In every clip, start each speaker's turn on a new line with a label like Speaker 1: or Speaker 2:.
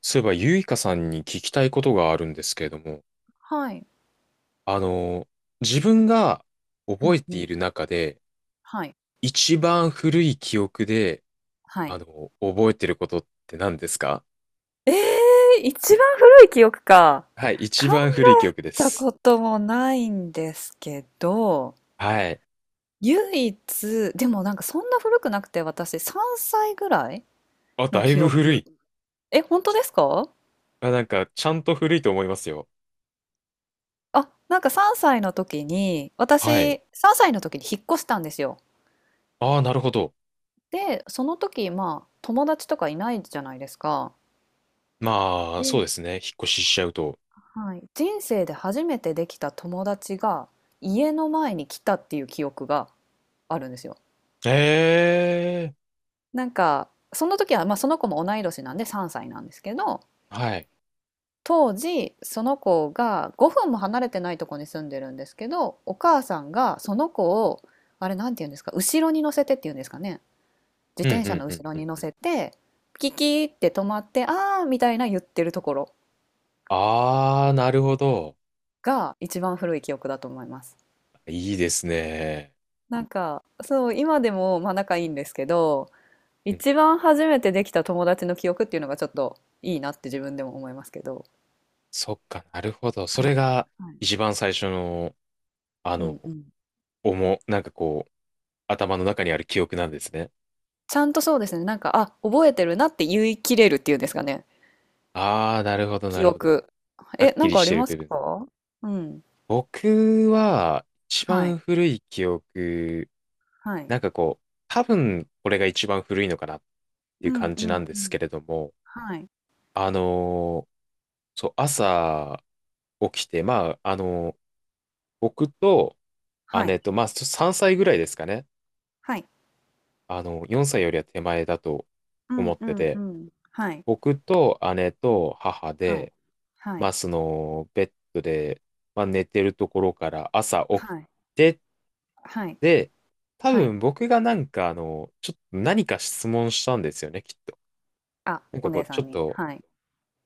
Speaker 1: そういえば、ゆいかさんに聞きたいことがあるんですけれども、
Speaker 2: はい。
Speaker 1: あの、自分が
Speaker 2: う
Speaker 1: 覚え
Speaker 2: んう
Speaker 1: てい
Speaker 2: ん。
Speaker 1: る中で、
Speaker 2: はい。
Speaker 1: 一番古い記憶で、
Speaker 2: はい。
Speaker 1: 覚えてることって何ですか？
Speaker 2: ええ、一番古い記憶か。
Speaker 1: はい、一
Speaker 2: 考
Speaker 1: 番古い記
Speaker 2: え
Speaker 1: 憶で
Speaker 2: た
Speaker 1: す。
Speaker 2: こともないんですけど、
Speaker 1: はい。
Speaker 2: 唯一、でもなんかそんな古くなくて、私3歳ぐらい
Speaker 1: あ、
Speaker 2: の
Speaker 1: だい
Speaker 2: 記
Speaker 1: ぶ古
Speaker 2: 憶。
Speaker 1: い。
Speaker 2: え、本当ですか？
Speaker 1: あ、なんか、ちゃんと古いと思いますよ。
Speaker 2: あ、なんか3歳の時に、
Speaker 1: はい。
Speaker 2: 私3歳の時に引っ越したんですよ。
Speaker 1: ああ、なるほど。
Speaker 2: で、その時、まあ、友達とかいないじゃないですか。
Speaker 1: まあ、そう
Speaker 2: で
Speaker 1: ですね。引っ越ししちゃうと。
Speaker 2: はい、人生で初めてできた友達が家の前に来たっていう記憶があるんですよ。
Speaker 1: ええ、
Speaker 2: なんかその時は、まあ、その子も同い年なんで3歳なんですけど、
Speaker 1: はい。
Speaker 2: 当時その子が5分も離れてないとこに住んでるんですけど、お母さんがその子を、あれなんて言うんですか、後ろに乗せてっていうんですかね、自
Speaker 1: うん、
Speaker 2: 転
Speaker 1: う
Speaker 2: 車
Speaker 1: ん、
Speaker 2: の
Speaker 1: う
Speaker 2: 後
Speaker 1: ん、
Speaker 2: ろに乗
Speaker 1: うん。
Speaker 2: せてキキーって止まってあーみたいな言ってるところ
Speaker 1: ああ、なるほど。
Speaker 2: が一番古い記憶だと思います。
Speaker 1: いいですね。
Speaker 2: なんかそう、今でもまあ仲いいんですけど、一番初めてできた友達の記憶っていうのがちょっといいなって自分でも思いますけど。
Speaker 1: そっか、なるほど。そ
Speaker 2: は
Speaker 1: れ
Speaker 2: い。
Speaker 1: が
Speaker 2: はい。
Speaker 1: 一番最初の、あ
Speaker 2: うんう
Speaker 1: の、
Speaker 2: ん。
Speaker 1: 思う、なんかこう、頭の中にある記憶なんですね。
Speaker 2: ちゃんとそうですね、なんか、あ、覚えてるなって言い切れるっていうんですかね、
Speaker 1: ああ、なるほど、な
Speaker 2: 記
Speaker 1: るほど。
Speaker 2: 憶。
Speaker 1: は
Speaker 2: え、
Speaker 1: っ
Speaker 2: な
Speaker 1: き
Speaker 2: ん
Speaker 1: り
Speaker 2: かあ
Speaker 1: し
Speaker 2: り
Speaker 1: てる
Speaker 2: ます
Speaker 1: 部分。
Speaker 2: か？うん。
Speaker 1: 僕は、一
Speaker 2: はい。
Speaker 1: 番古い記憶、
Speaker 2: はい。
Speaker 1: なんかこう、多分、これが一番古いのかなって
Speaker 2: う
Speaker 1: いう
Speaker 2: ん
Speaker 1: 感
Speaker 2: う
Speaker 1: じな
Speaker 2: ん
Speaker 1: んで
Speaker 2: う
Speaker 1: す
Speaker 2: ん。
Speaker 1: けれども、
Speaker 2: はい。
Speaker 1: あのーそう、朝起きて、まあ、僕と
Speaker 2: はい。
Speaker 1: 姉と、まあ、3歳ぐらいですかね。
Speaker 2: はい。
Speaker 1: 4歳よりは手前だと
Speaker 2: うん
Speaker 1: 思っ
Speaker 2: う
Speaker 1: て
Speaker 2: んう
Speaker 1: て、
Speaker 2: ん。はい。
Speaker 1: 僕と姉と母
Speaker 2: はい。
Speaker 1: で、
Speaker 2: は
Speaker 1: ま
Speaker 2: い。
Speaker 1: あ、その、ベッドで、まあ、寝てるところから朝起き
Speaker 2: はい。
Speaker 1: て、
Speaker 2: はい。
Speaker 1: で、多
Speaker 2: はい。
Speaker 1: 分僕がなんか、ちょっと何か質問したんですよね、きっと。
Speaker 2: あ、
Speaker 1: なん
Speaker 2: お
Speaker 1: かこ
Speaker 2: 姉
Speaker 1: う、
Speaker 2: さ
Speaker 1: ちょ
Speaker 2: ん
Speaker 1: っ
Speaker 2: に。
Speaker 1: と、
Speaker 2: はい。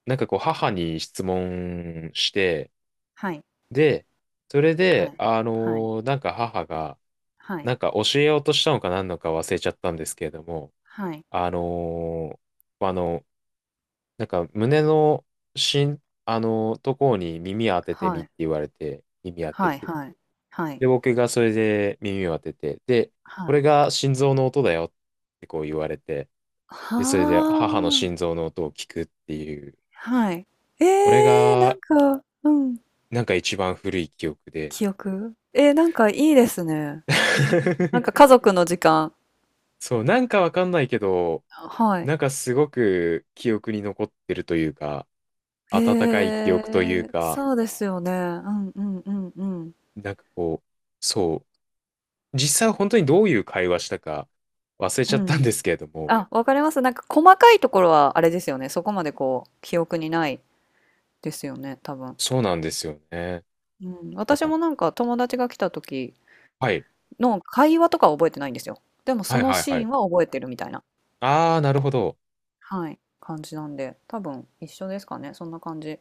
Speaker 1: なんかこう、母に質問して、
Speaker 2: はい。
Speaker 1: で、それ
Speaker 2: は
Speaker 1: で、
Speaker 2: い。はい。
Speaker 1: なんか母が、
Speaker 2: はい。
Speaker 1: なんか教えようとしたのか何のか忘れちゃったんですけれども、
Speaker 2: はい。
Speaker 1: あの、あの、なんか胸のしん、あの、ところに耳当ててみ
Speaker 2: は
Speaker 1: っ
Speaker 2: い。
Speaker 1: て言われて、耳当て
Speaker 2: はい
Speaker 1: て。
Speaker 2: はい。はい。
Speaker 1: で、僕がそれで耳を当てて、で、こ
Speaker 2: はい。
Speaker 1: れが心臓の音だよってこう言われて、
Speaker 2: は
Speaker 1: で、それで母の心
Speaker 2: あ。
Speaker 1: 臓の音を聞くっていう、
Speaker 2: はい。え
Speaker 1: これ
Speaker 2: え、なん
Speaker 1: が
Speaker 2: かうん、
Speaker 1: なんか一番古い記憶で。
Speaker 2: 記憶。えー、なんかいいですね。なんか 家族の時間。
Speaker 1: そう、なんかわかんないけど、
Speaker 2: はい。
Speaker 1: なんかすごく記憶に残ってるというか、温かい
Speaker 2: へ
Speaker 1: 記憶という
Speaker 2: え、
Speaker 1: か、
Speaker 2: そうですよね。うんうんうんうん。
Speaker 1: なんかこう、そう、実際本当にどういう会話したか忘れち
Speaker 2: う
Speaker 1: ゃったんで
Speaker 2: ん。
Speaker 1: すけれども、
Speaker 2: あ、わかります。なんか細かいところはあれですよね、そこまでこう記憶にないですよね、多分。
Speaker 1: そうなんですよね。
Speaker 2: うん、
Speaker 1: だ
Speaker 2: 私
Speaker 1: から、
Speaker 2: もなんか友達が来た時
Speaker 1: はい、
Speaker 2: の会話とかは覚えてないんですよ。でも
Speaker 1: は
Speaker 2: そ
Speaker 1: い
Speaker 2: の
Speaker 1: はいは
Speaker 2: シ
Speaker 1: い。
Speaker 2: ーンは覚えてるみたいな。
Speaker 1: ああ、なるほど。
Speaker 2: はい、感じなんで、多分一緒ですかね、そんな感じ。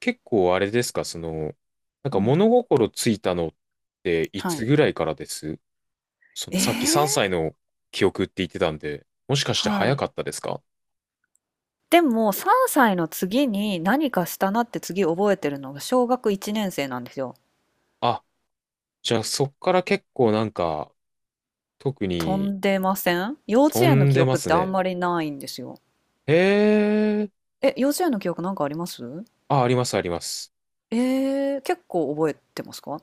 Speaker 1: 結構あれですか、その、なん
Speaker 2: う
Speaker 1: か物
Speaker 2: ん。
Speaker 1: 心ついたのってい
Speaker 2: は
Speaker 1: つ
Speaker 2: い。
Speaker 1: ぐらいからです？そ
Speaker 2: え
Speaker 1: のさっき
Speaker 2: え！
Speaker 1: 3歳の記憶って言ってたんで、もしかして
Speaker 2: は
Speaker 1: 早
Speaker 2: い。
Speaker 1: かったですか？
Speaker 2: でも、3歳の次に何かしたなって次覚えてるのが小学1年生なんですよ。
Speaker 1: あ、じゃあそっから結構なんか、特
Speaker 2: 飛
Speaker 1: に
Speaker 2: んでません？幼稚
Speaker 1: 飛
Speaker 2: 園の
Speaker 1: ん
Speaker 2: 記
Speaker 1: でま
Speaker 2: 憶っ
Speaker 1: す
Speaker 2: てあ
Speaker 1: ね。
Speaker 2: んまりないんですよ。
Speaker 1: へえ、
Speaker 2: え、幼稚園の記憶なんかあります？
Speaker 1: あ、ありますあります。
Speaker 2: えー、結構覚えてますか？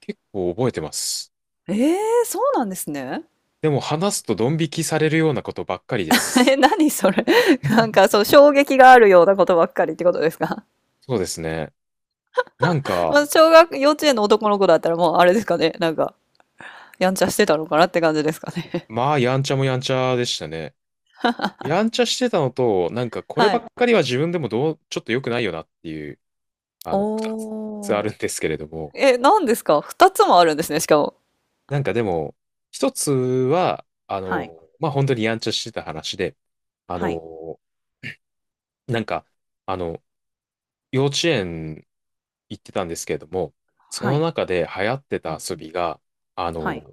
Speaker 1: 結構覚えてます。
Speaker 2: えー、そうなんですね。
Speaker 1: でも話すとドン引きされるようなことばっかりで
Speaker 2: え、
Speaker 1: す。
Speaker 2: 何それ。なんかそう、衝撃があるようなことばっかりってことですか？
Speaker 1: そうですね。なん か、
Speaker 2: まあ、小学幼稚園の男の子だったらもうあれですかね、なんかやんちゃしてたのかなって感じですかね。
Speaker 1: まあ、やんちゃもやんちゃでしたね。やんちゃしてたのと、なんか、これ
Speaker 2: は
Speaker 1: ばっ
Speaker 2: い。
Speaker 1: かりは自分でもどう、ちょっと良くないよなっていう、二つあ
Speaker 2: おー。
Speaker 1: るんですけれども、
Speaker 2: え、なんですか？ 2 つもあるんですね、しかも。
Speaker 1: なんかでも、一つは、
Speaker 2: はい。
Speaker 1: まあ、本当にやんちゃしてた話で、あ
Speaker 2: はい。
Speaker 1: の、なんか、あの、幼稚園行ってたんですけれども、そ
Speaker 2: は
Speaker 1: の
Speaker 2: い。
Speaker 1: 中で流行って
Speaker 2: う
Speaker 1: た
Speaker 2: んう
Speaker 1: 遊
Speaker 2: ん。
Speaker 1: びが、あ
Speaker 2: は
Speaker 1: の、
Speaker 2: い。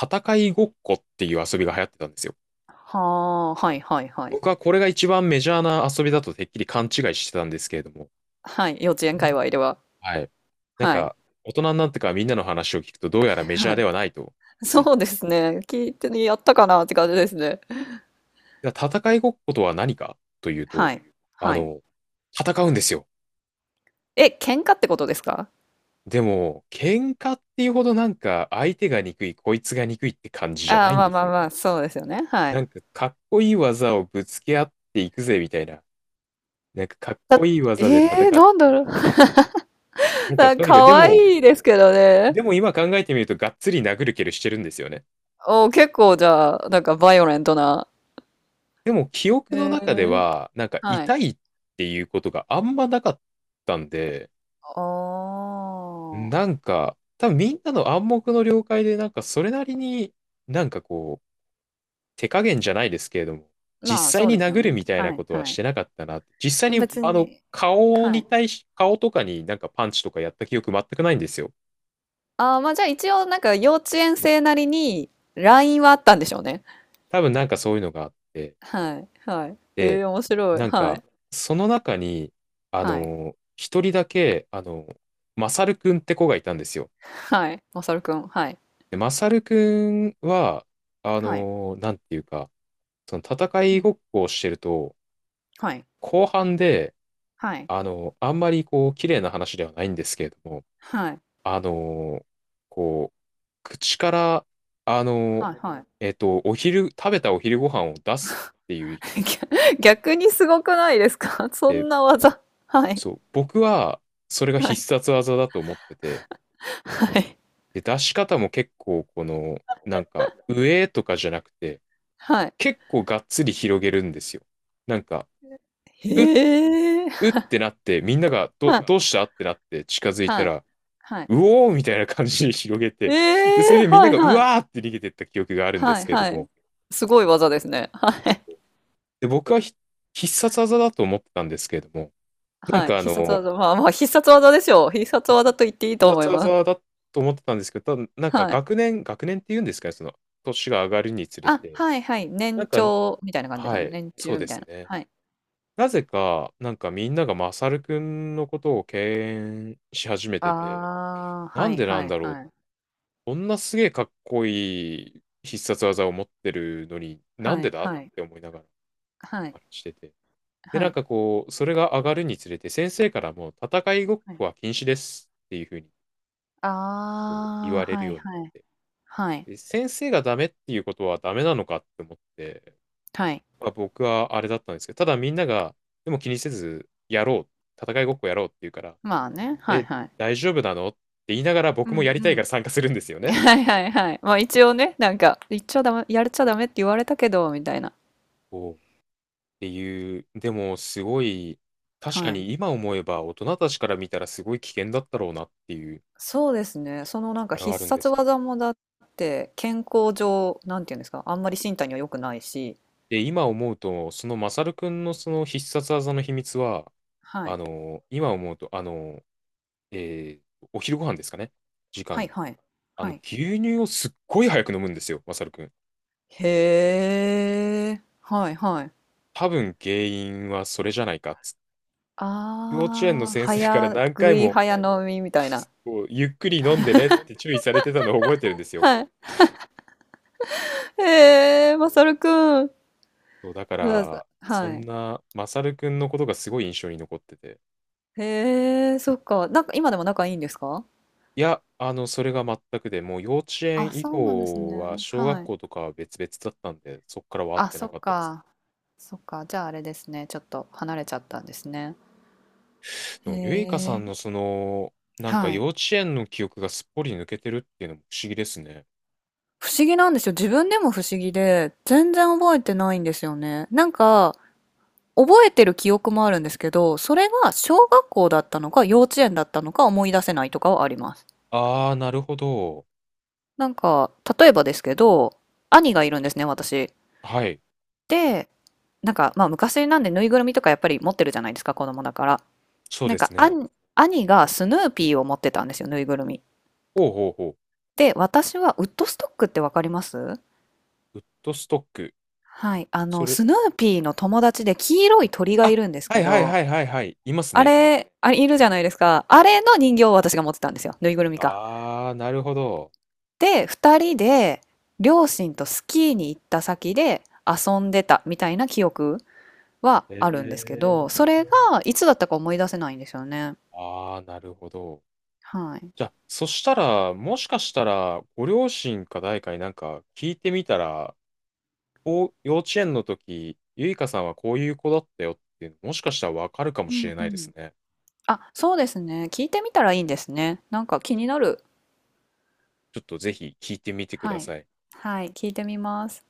Speaker 1: 戦いごっこっていう遊びが流行ってたんですよ。
Speaker 2: はあ、はいはいはい。
Speaker 1: 僕はこれが一番メジャーな遊びだとてっきり勘違いしてたんですけれども、
Speaker 2: はい、幼稚園界隈では。
Speaker 1: はい。なん
Speaker 2: はい。
Speaker 1: か、大人になってからみんなの話を聞くと、どうやら メジャ
Speaker 2: は
Speaker 1: ーで
Speaker 2: い。
Speaker 1: はないと 気づい
Speaker 2: そう
Speaker 1: て。
Speaker 2: ですね。聞いてね、やったかなって感じですね。
Speaker 1: じゃあ戦いごっことは何かというと、
Speaker 2: はい。
Speaker 1: あ
Speaker 2: はい。
Speaker 1: の、戦うんですよ。
Speaker 2: え、喧嘩ってことですか？
Speaker 1: でも、喧嘩っていうほどなんか、相手が憎い、こいつが憎いって感じじゃ
Speaker 2: あ
Speaker 1: な
Speaker 2: あ、
Speaker 1: いん
Speaker 2: まあ
Speaker 1: で
Speaker 2: ま
Speaker 1: す
Speaker 2: あ
Speaker 1: よ。
Speaker 2: まあ、そうですよね、はい。
Speaker 1: なんかかっこいい技をぶつけ合っていくぜみたいな。なんかかっ
Speaker 2: だ
Speaker 1: こいい技で
Speaker 2: え
Speaker 1: 戦
Speaker 2: え、
Speaker 1: っ
Speaker 2: なんだ
Speaker 1: て。
Speaker 2: ろう。
Speaker 1: な んか
Speaker 2: なん
Speaker 1: とにかく、で
Speaker 2: 可
Speaker 1: も、
Speaker 2: 愛いですけどね。
Speaker 1: 今考えてみるとがっつり殴る蹴るしてるんですよね。
Speaker 2: おお、結構じゃあ、なんかバイオレントな。
Speaker 1: でも記憶
Speaker 2: へ
Speaker 1: の中で
Speaker 2: え、
Speaker 1: は、なんか
Speaker 2: はい。
Speaker 1: 痛いっていうことがあんまなかったんで、
Speaker 2: あ
Speaker 1: なんか多分みんなの暗黙の了解でなんかそれなりになんか手加減じゃないですけれども、
Speaker 2: あ、ま
Speaker 1: 実
Speaker 2: あ、
Speaker 1: 際
Speaker 2: そう
Speaker 1: に
Speaker 2: ですよ
Speaker 1: 殴る
Speaker 2: ね。
Speaker 1: みたいな
Speaker 2: はい
Speaker 1: ことは
Speaker 2: は
Speaker 1: し
Speaker 2: い。
Speaker 1: てなかったな。実際に、
Speaker 2: 別にはい。
Speaker 1: 顔とかになんかパンチとかやった記憶全くないんですよ。
Speaker 2: ああ、ま、じゃあ、一応なんか幼稚園生なりに LINE はあったんでしょうね。
Speaker 1: 多分なんかそういうのがあって、
Speaker 2: はいはい。え
Speaker 1: で、
Speaker 2: え、面白い。
Speaker 1: なん
Speaker 2: は
Speaker 1: か、
Speaker 2: い。
Speaker 1: その中に、
Speaker 2: はい。
Speaker 1: 一人だけ、マサルくんって子がいたんですよ。
Speaker 2: はい。まさるくん、はい。
Speaker 1: で、マサルくんは、
Speaker 2: はい。
Speaker 1: なんていうか、その戦
Speaker 2: う
Speaker 1: い
Speaker 2: ん。
Speaker 1: ごっこをしてると、
Speaker 2: はい。
Speaker 1: 後半で、
Speaker 2: はい。
Speaker 1: あんまりこう、綺麗な話ではないんですけれども、
Speaker 2: はい。
Speaker 1: あのーこう、口から、あのー
Speaker 2: はいはい。
Speaker 1: 食べたお昼ご飯を出すっていう、
Speaker 2: 逆にすごくないですか？そ
Speaker 1: で、
Speaker 2: んな技。はい。
Speaker 1: そう、僕は、それが
Speaker 2: は
Speaker 1: 必
Speaker 2: い
Speaker 1: 殺技だと思ってて、
Speaker 2: はい。
Speaker 1: で、出し方も結構、この、なんか、上とかじゃなくて、
Speaker 2: はい。
Speaker 1: 結構がっつり広げるんですよ。なんか、
Speaker 2: へ
Speaker 1: うっ、
Speaker 2: え。
Speaker 1: うっ てなって、みんなが、
Speaker 2: はい
Speaker 1: どうしたってなって近づいた
Speaker 2: はい。
Speaker 1: ら、
Speaker 2: はい。
Speaker 1: うおーみたいな感じに広げ
Speaker 2: え
Speaker 1: て、で、それ
Speaker 2: え、
Speaker 1: でみんな
Speaker 2: はい
Speaker 1: が、
Speaker 2: は
Speaker 1: う
Speaker 2: はい。い。
Speaker 1: わーって逃げてった記憶があるんで
Speaker 2: は
Speaker 1: す
Speaker 2: い
Speaker 1: けれど
Speaker 2: はい。
Speaker 1: も、
Speaker 2: すごい技ですね。はい。
Speaker 1: で、僕は必殺技だと思ってたんですけれども、なん
Speaker 2: はい、
Speaker 1: か
Speaker 2: 必殺技、まあまあ、必殺技でしょう。必殺
Speaker 1: うん
Speaker 2: 技と言っていいと
Speaker 1: 必
Speaker 2: 思
Speaker 1: 殺
Speaker 2: います。
Speaker 1: 技だと思ってたんですけど、ただなんか
Speaker 2: はい。
Speaker 1: 学年、学年っていうんですかね、その、年が上がるにつれ
Speaker 2: あ、
Speaker 1: て、
Speaker 2: はいはい、
Speaker 1: なん
Speaker 2: 年
Speaker 1: か、
Speaker 2: 長みたいな感じですよ
Speaker 1: は
Speaker 2: ね。
Speaker 1: い、
Speaker 2: 年
Speaker 1: そう
Speaker 2: 中み
Speaker 1: で
Speaker 2: たい
Speaker 1: す
Speaker 2: な。
Speaker 1: ね。
Speaker 2: はい。
Speaker 1: なぜか、なんかみんながマサルくんのことを敬遠し始めてて、
Speaker 2: ああ、
Speaker 1: な
Speaker 2: は
Speaker 1: ん
Speaker 2: い
Speaker 1: でな
Speaker 2: は
Speaker 1: ん
Speaker 2: い
Speaker 1: だろう、
Speaker 2: はい。
Speaker 1: こんなすげえかっこいい必殺技を持ってるのに、なん
Speaker 2: は
Speaker 1: で
Speaker 2: い
Speaker 1: だっ
Speaker 2: はい。
Speaker 1: て思いながら、
Speaker 2: はい
Speaker 1: あれしてて。で、
Speaker 2: は
Speaker 1: なん
Speaker 2: い。
Speaker 1: かこう、それが上がるにつれて、先生からもう戦いごっ
Speaker 2: は
Speaker 1: こ
Speaker 2: い。
Speaker 1: は禁止ですっていうふうにこう言わ
Speaker 2: ああ、
Speaker 1: れる
Speaker 2: は
Speaker 1: よ
Speaker 2: い
Speaker 1: うになっ
Speaker 2: はい。
Speaker 1: て、
Speaker 2: はい。
Speaker 1: で先生がダメっていうことはダメなのかって思って、
Speaker 2: はい。
Speaker 1: まあ、僕はあれだったんですけど、ただみんなが、でも気にせず、やろう、戦いごっこやろうって言うから、
Speaker 2: まあね、はい
Speaker 1: え、
Speaker 2: はい。
Speaker 1: 大丈夫なのって言いながら
Speaker 2: う
Speaker 1: 僕
Speaker 2: んう
Speaker 1: もやりたいから
Speaker 2: ん。
Speaker 1: 参加するんですよ ね。
Speaker 2: はいはいはい。まあ、一応ね、なんか、言っちゃダメやっちゃダメって言われたけどみたいな。
Speaker 1: こうっていう、でもすごい、確か
Speaker 2: はい。
Speaker 1: に今思えば大人たちから見たらすごい危険だったろうなっていう、
Speaker 2: そうですね。そのなんか
Speaker 1: あれはあ
Speaker 2: 必
Speaker 1: るんで
Speaker 2: 殺
Speaker 1: すけど。
Speaker 2: 技もだって健康上、なんていうんですか、あんまり身体には良くないし、
Speaker 1: で、今思うと、そのマサルくんのその必殺技の秘密は、
Speaker 2: はい。
Speaker 1: 今思うと、えーお昼ご飯ですかね、時
Speaker 2: は
Speaker 1: 間
Speaker 2: い
Speaker 1: に。
Speaker 2: はい。はい。
Speaker 1: 牛乳をすっごい早く飲むんですよ、マサルくん。
Speaker 2: へえ。はいはい。
Speaker 1: 多分原因はそれじゃないかっつって。幼稚園の
Speaker 2: ああ、
Speaker 1: 先生から
Speaker 2: 早
Speaker 1: 何回
Speaker 2: 食い
Speaker 1: も
Speaker 2: 早飲みみたいな。
Speaker 1: こうゆっくり飲んでねって注意されてたのを覚えてるんですよ。
Speaker 2: はい。へえ、マサルくん。
Speaker 1: そう、だか
Speaker 2: だ
Speaker 1: ら、そ
Speaker 2: は
Speaker 1: ん
Speaker 2: い。
Speaker 1: なマサルくんのことがすごい印象に残ってて。
Speaker 2: へえ、そっか。なんか今でも仲いいんですか？
Speaker 1: いや、それが全くで、もう幼稚
Speaker 2: あ、
Speaker 1: 園以
Speaker 2: そうなんです
Speaker 1: 降は、
Speaker 2: ね。
Speaker 1: 小学
Speaker 2: はい。
Speaker 1: 校とかは別々だったんで、そっからは会っ
Speaker 2: あ、
Speaker 1: て
Speaker 2: そ
Speaker 1: なか
Speaker 2: っ
Speaker 1: ったです。
Speaker 2: か。そっか。じゃああれですね。ちょっと離れちゃったんですね。
Speaker 1: で
Speaker 2: へ
Speaker 1: も、ゆいかさん
Speaker 2: え。
Speaker 1: のその、なんか
Speaker 2: はい。
Speaker 1: 幼稚園の記憶がすっぽり抜けてるっていうのも不思議ですね。
Speaker 2: 不思議なんですよ。自分でも不思議で、全然覚えてないんですよね。なんか、覚えてる記憶もあるんですけど、それが小学校だったのか幼稚園だったのか思い出せないとかはあります。
Speaker 1: あー、なるほど。
Speaker 2: なんか、例えばですけど、兄がいるんですね、私。
Speaker 1: はい、
Speaker 2: で、なんか、まあ昔なんでぬいぐるみとかやっぱり持ってるじゃないですか、子供だから。
Speaker 1: そう
Speaker 2: なん
Speaker 1: です
Speaker 2: か、
Speaker 1: ね。
Speaker 2: 兄がスヌーピーを持ってたんですよ、ぬいぐるみ。
Speaker 1: ほうほうほ
Speaker 2: で、私はウッドストックってわかります？
Speaker 1: う。ウッドストック。
Speaker 2: はい、あ
Speaker 1: そ
Speaker 2: の、
Speaker 1: れ、
Speaker 2: スヌーピーの友達で黄色い鳥がい
Speaker 1: あ、
Speaker 2: るんです
Speaker 1: は
Speaker 2: け
Speaker 1: いはい
Speaker 2: ど、
Speaker 1: はいはいはい、います
Speaker 2: あ
Speaker 1: ね。
Speaker 2: れ、あれいるじゃないですか。あれの人形を私が持ってたんですよ。ぬいぐるみか。
Speaker 1: あー、なるほど。
Speaker 2: で、二人で両親とスキーに行った先で遊んでたみたいな記憶は
Speaker 1: え
Speaker 2: あるんですけど、それが
Speaker 1: ー。
Speaker 2: いつだったか思い出せないんですよね。
Speaker 1: あー、なるほど。
Speaker 2: はい。
Speaker 1: じゃあ、そしたら、もしかしたら、ご両親か誰かになんか聞いてみたら、こう、幼稚園の時、ゆいかさんはこういう子だったよっていうの、もしかしたらわかるかも
Speaker 2: う
Speaker 1: し
Speaker 2: ん
Speaker 1: れ
Speaker 2: う
Speaker 1: ないです
Speaker 2: ん。
Speaker 1: ね。
Speaker 2: あ、そうですね。聞いてみたらいいんですね。なんか気になる。
Speaker 1: ちょっとぜひ聞いてみてく
Speaker 2: は
Speaker 1: だ
Speaker 2: い。
Speaker 1: さい。
Speaker 2: はい、聞いてみます。